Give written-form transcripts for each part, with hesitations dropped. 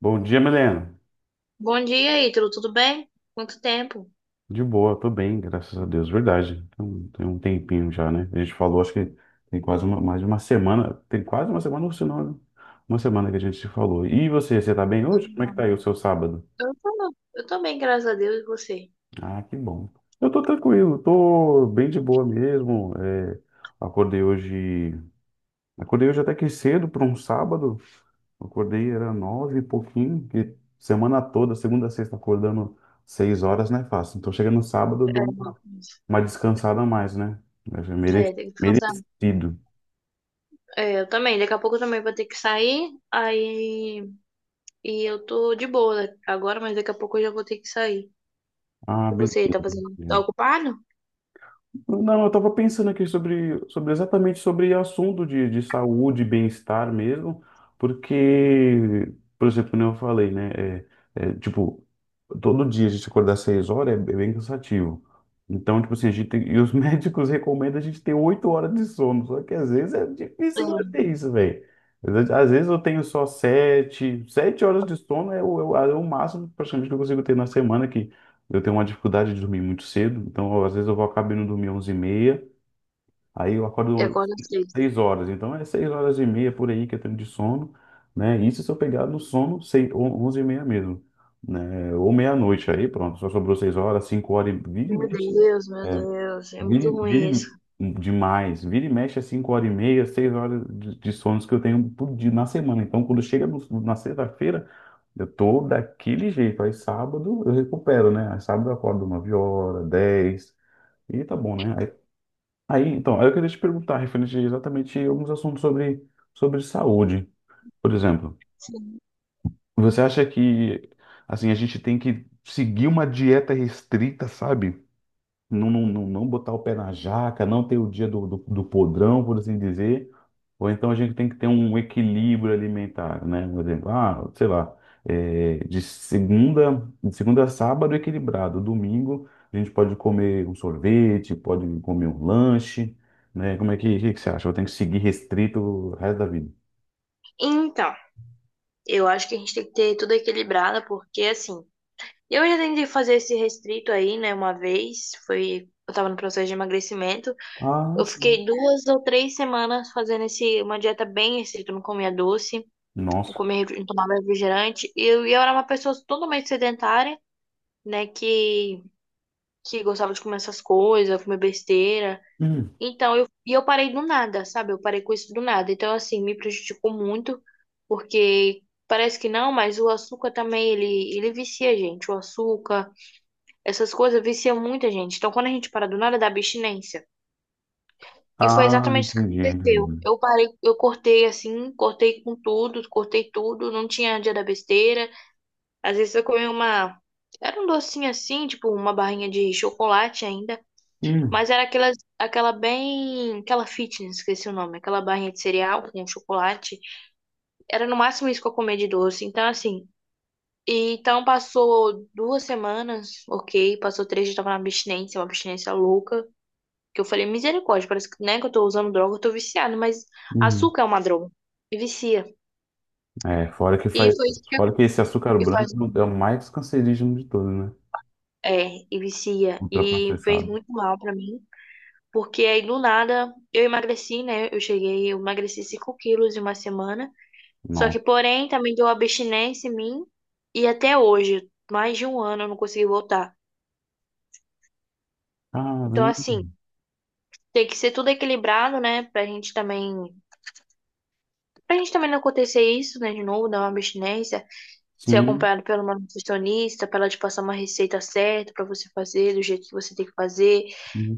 Bom dia, Milena. Bom dia, Ítalo. Tudo bem? Quanto tempo? De boa, tô bem, graças a Deus, verdade. Tem um tempinho já, né? A gente falou, acho que tem quase uma, mais de uma semana, tem quase uma semana, ou se não, uma semana que a gente se falou. E você tá bem hoje? Como é que tá aí o seu sábado? Eu tô bem, graças a Deus, e você? Ah, que bom. Eu tô tranquilo, tô bem de boa mesmo. Acordei hoje, acordei hoje até que cedo para um sábado. Acordei era nove e pouquinho, que semana toda, segunda a sexta, acordando seis horas não é fácil. Então chega no sábado, eu dou um uma descansada a mais, né? Deve ser mere- É, tem que descansar. Merecido. É, eu também. Daqui a pouco eu também vou ter que sair. Aí. E eu tô de boa né, agora, mas daqui a pouco eu já vou ter que sair. Ah, E você, beleza. tá fazendo? Tá ocupado? Não, eu estava pensando aqui sobre exatamente sobre assunto de saúde e bem-estar mesmo, porque, por exemplo, como eu falei, né? É, tipo, Todo dia a gente acordar seis horas é bem cansativo. Então, tipo assim, a gente tem, e os médicos recomendam a gente ter oito horas de sono, só que às vezes é difícil manter isso, velho. Às vezes eu tenho só sete horas de sono é o máximo praticamente que eu consigo ter na semana, que eu tenho uma dificuldade de dormir muito cedo, então às vezes eu vou acabo indo dormir onze e meia, aí eu É, e acordo acorda cedo. 6 horas, então é 6 horas e meia por aí que eu tenho de sono, né? Isso se eu pegar no sono 6, 11h30 mesmo, né? Ou meia-noite, aí pronto, só sobrou 6 horas, 5 horas, e- vira e Meu mexe, Deus, meu Deus. É vira, muito e- ruim vira isso. e- demais, vira e mexe é 5 horas e meia, 6 horas de sonos que eu tenho por dia na semana, então quando chega na sexta-feira, eu tô daquele jeito. Aí sábado eu recupero, né? Aí sábado eu acordo 9 horas, dez. E tá bom, né? Aí eu queria te perguntar, referente a exatamente alguns assuntos sobre saúde. Por exemplo, você acha que, assim, a gente tem que seguir uma dieta restrita, sabe? Não botar o pé na jaca, não ter o dia do podrão, por assim dizer, ou então a gente tem que ter um equilíbrio alimentar, né? Por exemplo, ah, sei lá, de segunda a sábado equilibrado, domingo a gente pode comer um sorvete, pode comer um lanche, né? Como é que você acha? Eu tenho que seguir restrito o resto da vida. Então, eu acho que a gente tem que ter tudo equilibrado, porque assim. Eu já tentei fazer esse restrito aí, né, uma vez, foi, eu tava no processo de emagrecimento. Ah, Eu sim. fiquei 2 ou 3 semanas fazendo esse, uma dieta bem restrita, eu não comia doce, não Nossa. comia, refri- não tomava refrigerante. E eu era uma pessoa totalmente sedentária, né, que gostava de comer essas coisas, comer besteira. Hum. Então, e eu parei do nada, sabe? Eu parei com isso do nada. Então, assim, me prejudicou muito, porque parece que não, mas o açúcar também, ele vicia a gente, o açúcar essas coisas viciam muita gente. Então, quando a gente para do nada, dá abstinência. E foi Ah, exatamente isso que entendi, aconteceu. entendi. Eu parei, eu cortei assim, cortei com tudo, cortei tudo, não tinha dia da besteira. Às vezes eu comia uma. Era um docinho assim, tipo uma barrinha de chocolate ainda. Hum. Mas era aquela bem. Aquela fitness, esqueci o nome. Aquela barrinha de cereal com chocolate. Era no máximo isso que eu comia de doce. Então, assim. E então passou 2 semanas, ok. Passou 3 dias, eu tava na abstinência, uma abstinência louca. Que eu falei, misericórdia, parece que, né, que eu tô usando droga, eu tô viciado, mas Hum. açúcar é uma droga. E vicia. É, fora que E faz, foi isso que eu- Fora que esse açúcar e faz, branco é o mais cancerígeno de todos, né? E vicia. E fez Ultraprocessado. muito mal pra mim. Porque aí do nada eu emagreci, né? Eu cheguei, eu emagreci 5 quilos em uma semana. Só que, Nossa, porém, também deu abstinência em mim. E até hoje, mais de um ano, eu não consegui voltar. Então, caramba. assim, tem que ser tudo equilibrado, né? Pra gente também. Não acontecer isso, né? De novo, dar uma abstinência. Ser Sim, acompanhado pela uma nutricionista, para ela te passar uma receita certa para você fazer, do jeito que você tem que fazer.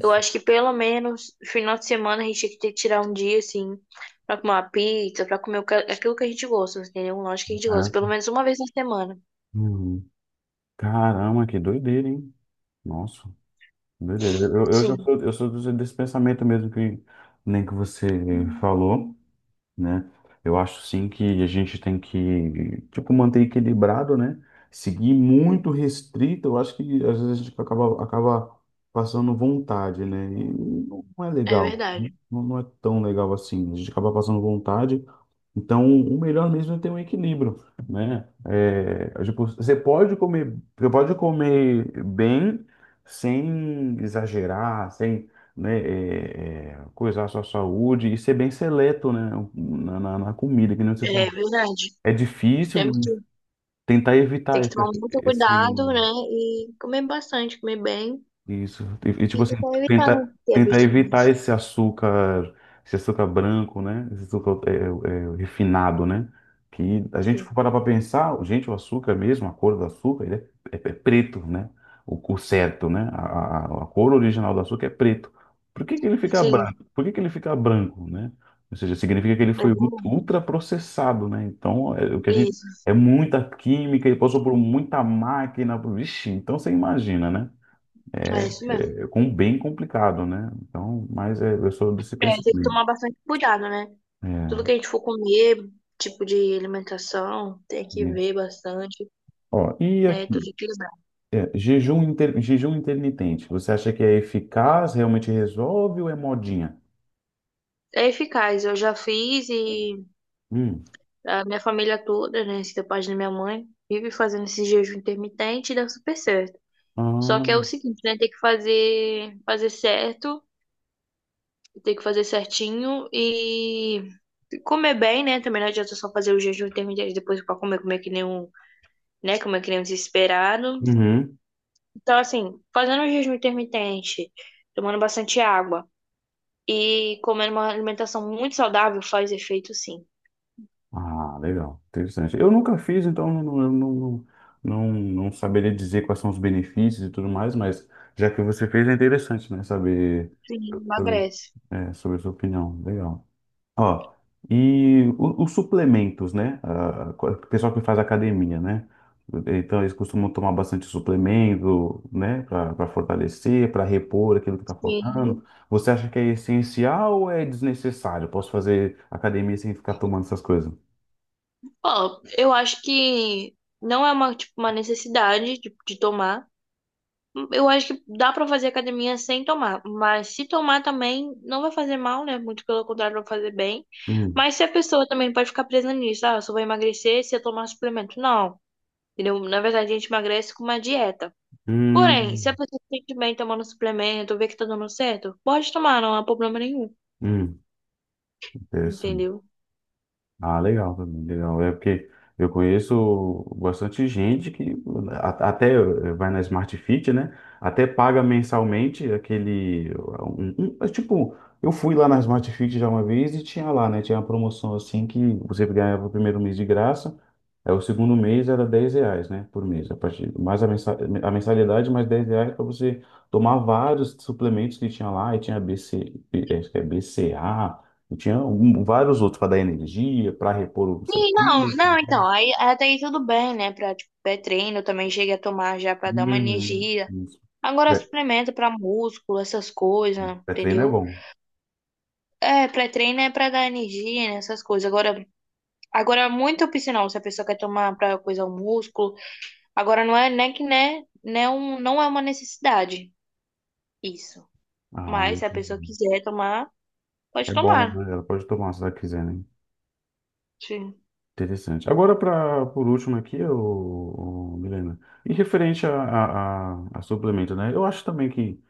Eu acho que pelo menos final de semana a gente tinha que ter que tirar um dia, assim, pra comer uma pizza, pra comer o que- aquilo que a gente gosta, entendeu? Um lanche que a gente gosta, Caraca, pelo menos uma vez na semana. hum, caramba, que doideira, hein? Nossa, doideira. Eu, eu já Sim, sou, eu sou desse pensamento mesmo que nem que você falou. Né? Eu acho sim que a gente tem que, tipo, manter equilibrado, né? Seguir muito restrito, eu acho que às vezes a gente acaba passando vontade, né? E não é é legal, né? verdade. Não, não é tão legal assim. A gente acaba passando vontade, então o melhor mesmo é ter um equilíbrio, né? Você pode comer bem sem exagerar, sem né, coisar a sua saúde e ser bem seleto, né, na comida, que nem você É falou. verdade. É difícil Temos que tentar ter evitar que esse, tomar muito esse cuidado, né? E comer bastante, comer bem. Isso. E, tipo E assim, tentar evitar não tenta, ter tenta evitar abstinência. Esse açúcar branco, né? Esse açúcar é, é, é, refinado, né? Que a gente for Sim. parar para pensar, gente, o açúcar é mesmo, a cor do açúcar, ele é preto, né? O certo, né? A cor original do açúcar é preto. Por que que ele fica Sim, branco? Por que que ele fica branco, né? Ou seja, significa que ele é foi bom. ultraprocessado, né? Então, é, o que a gente. Isso, É muita química, ele passou por muita máquina. Vixe, então você imagina, né? é isso mesmo. É, com um bem complicado, né? Então, mas é, eu sou desse É, tem que pensamento. tomar bastante cuidado, né? Tudo É, que a gente for comer, tipo de alimentação, tem que isso. ver bastante, Ó, e né? aqui, Tudo equilibrado. Jejum intermitente, você acha que é eficaz, realmente resolve ou é modinha? É eficaz, eu já fiz e Hum. a minha família toda, né? Se da parte da minha mãe, vive fazendo esse jejum intermitente e dá super certo. Só que é Ah, o seguinte, né? Tem que fazer, fazer certo, tem que fazer certinho e comer bem, né? Também não adianta só fazer o jejum intermitente e depois para comer, comer que nem um, né? Comer que nem um desesperado. uhum. Então, assim, fazendo o jejum intermitente, tomando bastante água e comendo uma alimentação muito saudável faz efeito, sim. Ah, legal, interessante. Eu nunca fiz, então não, não- eu não, não, não, não saberia dizer quais são os benefícios e tudo mais, mas já que você fez, é interessante, né? Saber Sim, sobre, emagrece. Sobre a sua opinião. Legal. Ó, e os suplementos, né? Ah, o pessoal que faz academia, né? Então eles costumam tomar bastante suplemento, né? Para fortalecer, para repor aquilo que está Sim. faltando. Você acha que é essencial ou é desnecessário? Posso fazer academia sem ficar tomando essas coisas? Ó, eu acho que não é uma, tipo, uma necessidade de tomar. Eu acho que dá pra fazer academia sem tomar, mas se tomar também não vai fazer mal, né? Muito pelo contrário, vai fazer bem. Hum, Mas se a pessoa também pode ficar presa nisso, ah, eu só vou emagrecer se eu tomar suplemento. Não, entendeu? Na verdade, a gente emagrece com uma dieta. Porém, se a hum, pessoa se sente bem tomando suplemento, vê que tá dando certo, pode tomar, não há problema nenhum, hum. Interessante. entendeu? Ah, legal, também, legal. É porque eu conheço bastante gente que né, vai na Smart Fit, né? Até paga mensalmente aquele. um- um- é tipo, eu fui lá na Smart Fit já uma vez e tinha lá, né? Tinha uma promoção assim que você ganhava o primeiro mês de graça, aí o segundo mês era 10 reais, né? Por mês. A partir, mais a mensa- a mensalidade, mais 10 reais para você tomar vários suplementos que tinha lá. E tinha BC, acho que é BCA. Eu tinha vários outros para dar energia, para repor o seu Sim, não, time. não, então, aí até aí tudo bem, né? Pra, tipo, pré-treino, eu também cheguei a tomar já pra dar uma Uhum. energia. Isso. Agora Pré- suplemento pra músculo, essas coisas, Pré-treino é entendeu? bom. É, pré-treino é pra dar energia, né? Essas coisas. Agora é muito opcional se a pessoa quer tomar pra coisa o músculo. Agora não é, né, que né, né um, não é uma necessidade isso. Ah, Mas se a pessoa entendi. quiser tomar, pode É bom, tomar. né? Ela pode tomar se ela quiser, né? Sim. Interessante. Agora, pra, por último aqui, Milena, em referente a suplemento, né? Eu acho também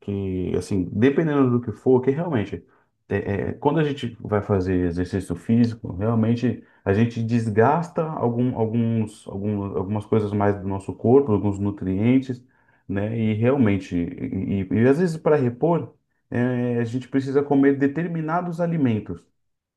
que, assim, dependendo do que for, que realmente, é, quando a gente vai fazer exercício físico, realmente a gente desgasta algumas coisas mais do nosso corpo, alguns nutrientes, né? E realmente, e às vezes para repor, é, a gente precisa comer determinados alimentos.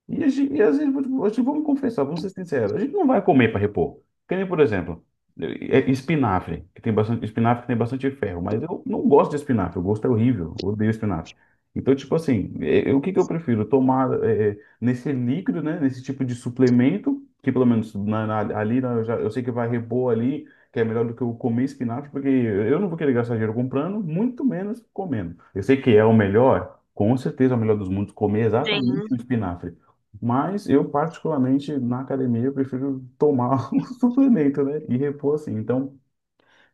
E, às vezes, vamos confessar, vamos ser sinceros, a gente não vai comer para repor. Que nem, por exemplo, espinafre, que tem bastante, espinafre que tem bastante ferro, mas eu não gosto de espinafre, o gosto é horrível, eu odeio espinafre. Então, tipo assim, o que que eu prefiro? Tomar nesse líquido, né, nesse tipo de suplemento, que pelo menos na- na- ali na- eu, já- eu sei que vai repor ali, que é melhor do que eu comer espinafre, porque eu não vou querer gastar dinheiro comprando, muito menos comendo. Eu sei que é o melhor, com certeza é o melhor dos mundos, comer Sim. exatamente o espinafre. Mas eu, particularmente, na academia, eu prefiro tomar o suplemento, né? E repor assim. Então,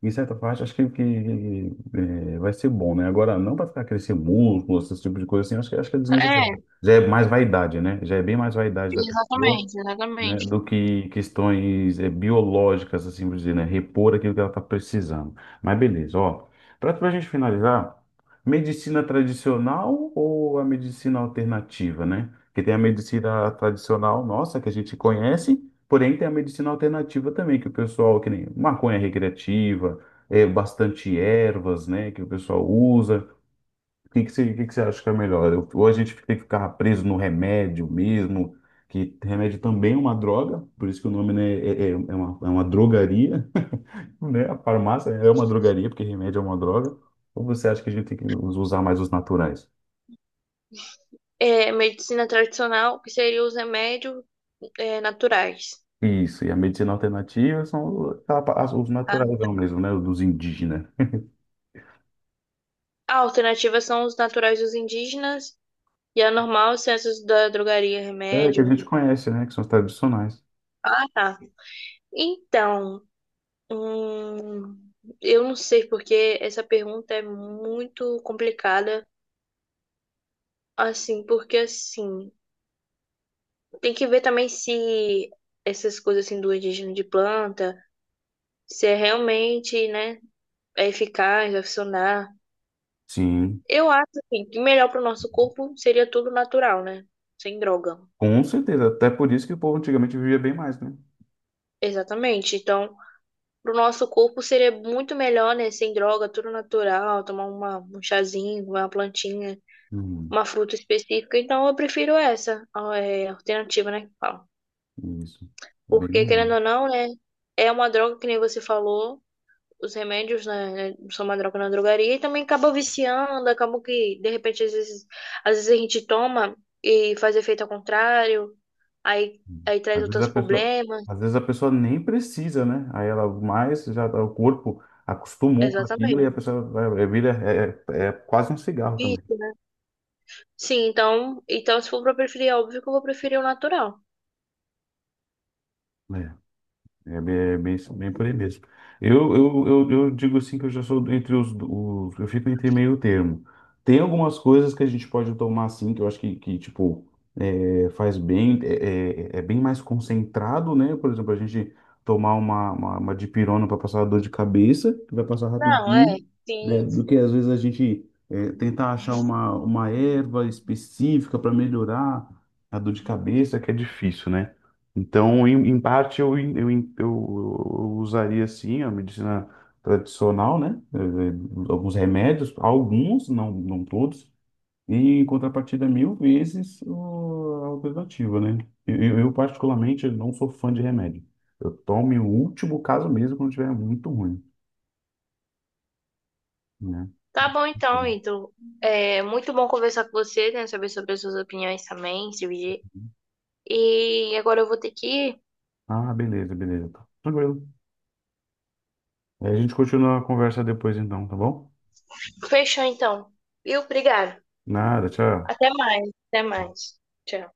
em certa parte, acho que vai ser bom, né? Agora, não para ficar crescer músculo, esse tipo de coisa assim, acho que é É, desnecessário. Já é mais vaidade, né? Já é bem mais vaidade da pessoa exatamente, né, exatamente. do que questões eh, biológicas, assim por dizer, né, repor aquilo que ela está precisando. Mas beleza, ó. Para a gente finalizar, medicina tradicional ou a medicina alternativa, né? Porque tem a medicina tradicional nossa, que a gente conhece, porém tem a medicina alternativa também, que o pessoal, que nem maconha recreativa, é, bastante ervas, né, que o pessoal usa. O que que você acha que é melhor? Ou a gente tem que ficar preso no remédio mesmo, que remédio também é uma droga, por isso que o nome, né, é uma drogaria, né? A farmácia é uma drogaria, porque remédio é uma droga. Ou você acha que a gente tem que usar mais os naturais? É, medicina tradicional, que seria os remédios, é, naturais. Isso, e a medicina alternativa são os Ah, naturais mesmo, né? Dos indígenas. a alternativa são os naturais dos indígenas e a normal, os ciências da drogaria, É, que a remédio. gente conhece, né? Que são os tradicionais. Ah, tá. Então, hum, eu não sei porque essa pergunta é muito complicada, assim, porque assim, tem que ver também se essas coisas assim do indígena de planta, se é realmente, né? é eficaz, vai funcionar. Sim, Eu acho assim, que melhor para o nosso corpo seria tudo natural, né? Sem droga. com certeza. Até por isso que o povo antigamente vivia bem mais, né? Exatamente. Então, para o nosso corpo seria muito melhor, né? Sem droga, tudo natural, tomar uma, um chazinho, uma plantinha, Hum, uma fruta específica. Então, eu prefiro essa ó, é, alternativa, né? que fala. isso. Bem Porque, melhor. querendo ou não, né? É uma droga, que nem você falou, os remédios, né, são uma droga na drogaria e também acaba viciando, acaba que, de repente, às vezes, a gente toma e faz efeito ao contrário, aí traz Às vezes a outros pessoa, problemas. às vezes a pessoa nem precisa, né? Aí ela mais o corpo acostumou com aquilo e Exatamente. a pessoa vai- é, vira é quase um cigarro também. Vício, né? Sim, então, se for pra preferir, é óbvio que eu vou preferir o natural. Né? É bem, bem por aí mesmo. Eu digo assim que eu já sou entre os, os. Eu fico entre meio termo. Tem algumas coisas que a gente pode tomar assim, que eu acho que tipo, é, faz bem, é, é, é bem mais concentrado, né? Por exemplo, a gente tomar uma dipirona para passar a dor de cabeça, que vai passar Não, é, rapidinho, né? sim. Do que às vezes a gente tentar achar uma erva específica para melhorar a dor de cabeça, que é difícil, né? Então, em, em parte, eu usaria sim a medicina tradicional, né? Eh, alguns remédios, alguns, não, não todos, e em contrapartida, mil vezes a alternativa, né? Particularmente, não sou fã de remédio. Eu tomo em último caso mesmo quando estiver muito ruim, né? Tá bom então, Ito. É muito bom conversar com você, né? Saber sobre as suas opiniões também, se dividir. E agora eu vou ter que ir. Ah, beleza, beleza. Tá. Tranquilo. Aí a gente continua a conversa depois, então, tá bom? Fechou então. Viu? Obrigada. Nada, tchau. Até mais, até mais. Tchau.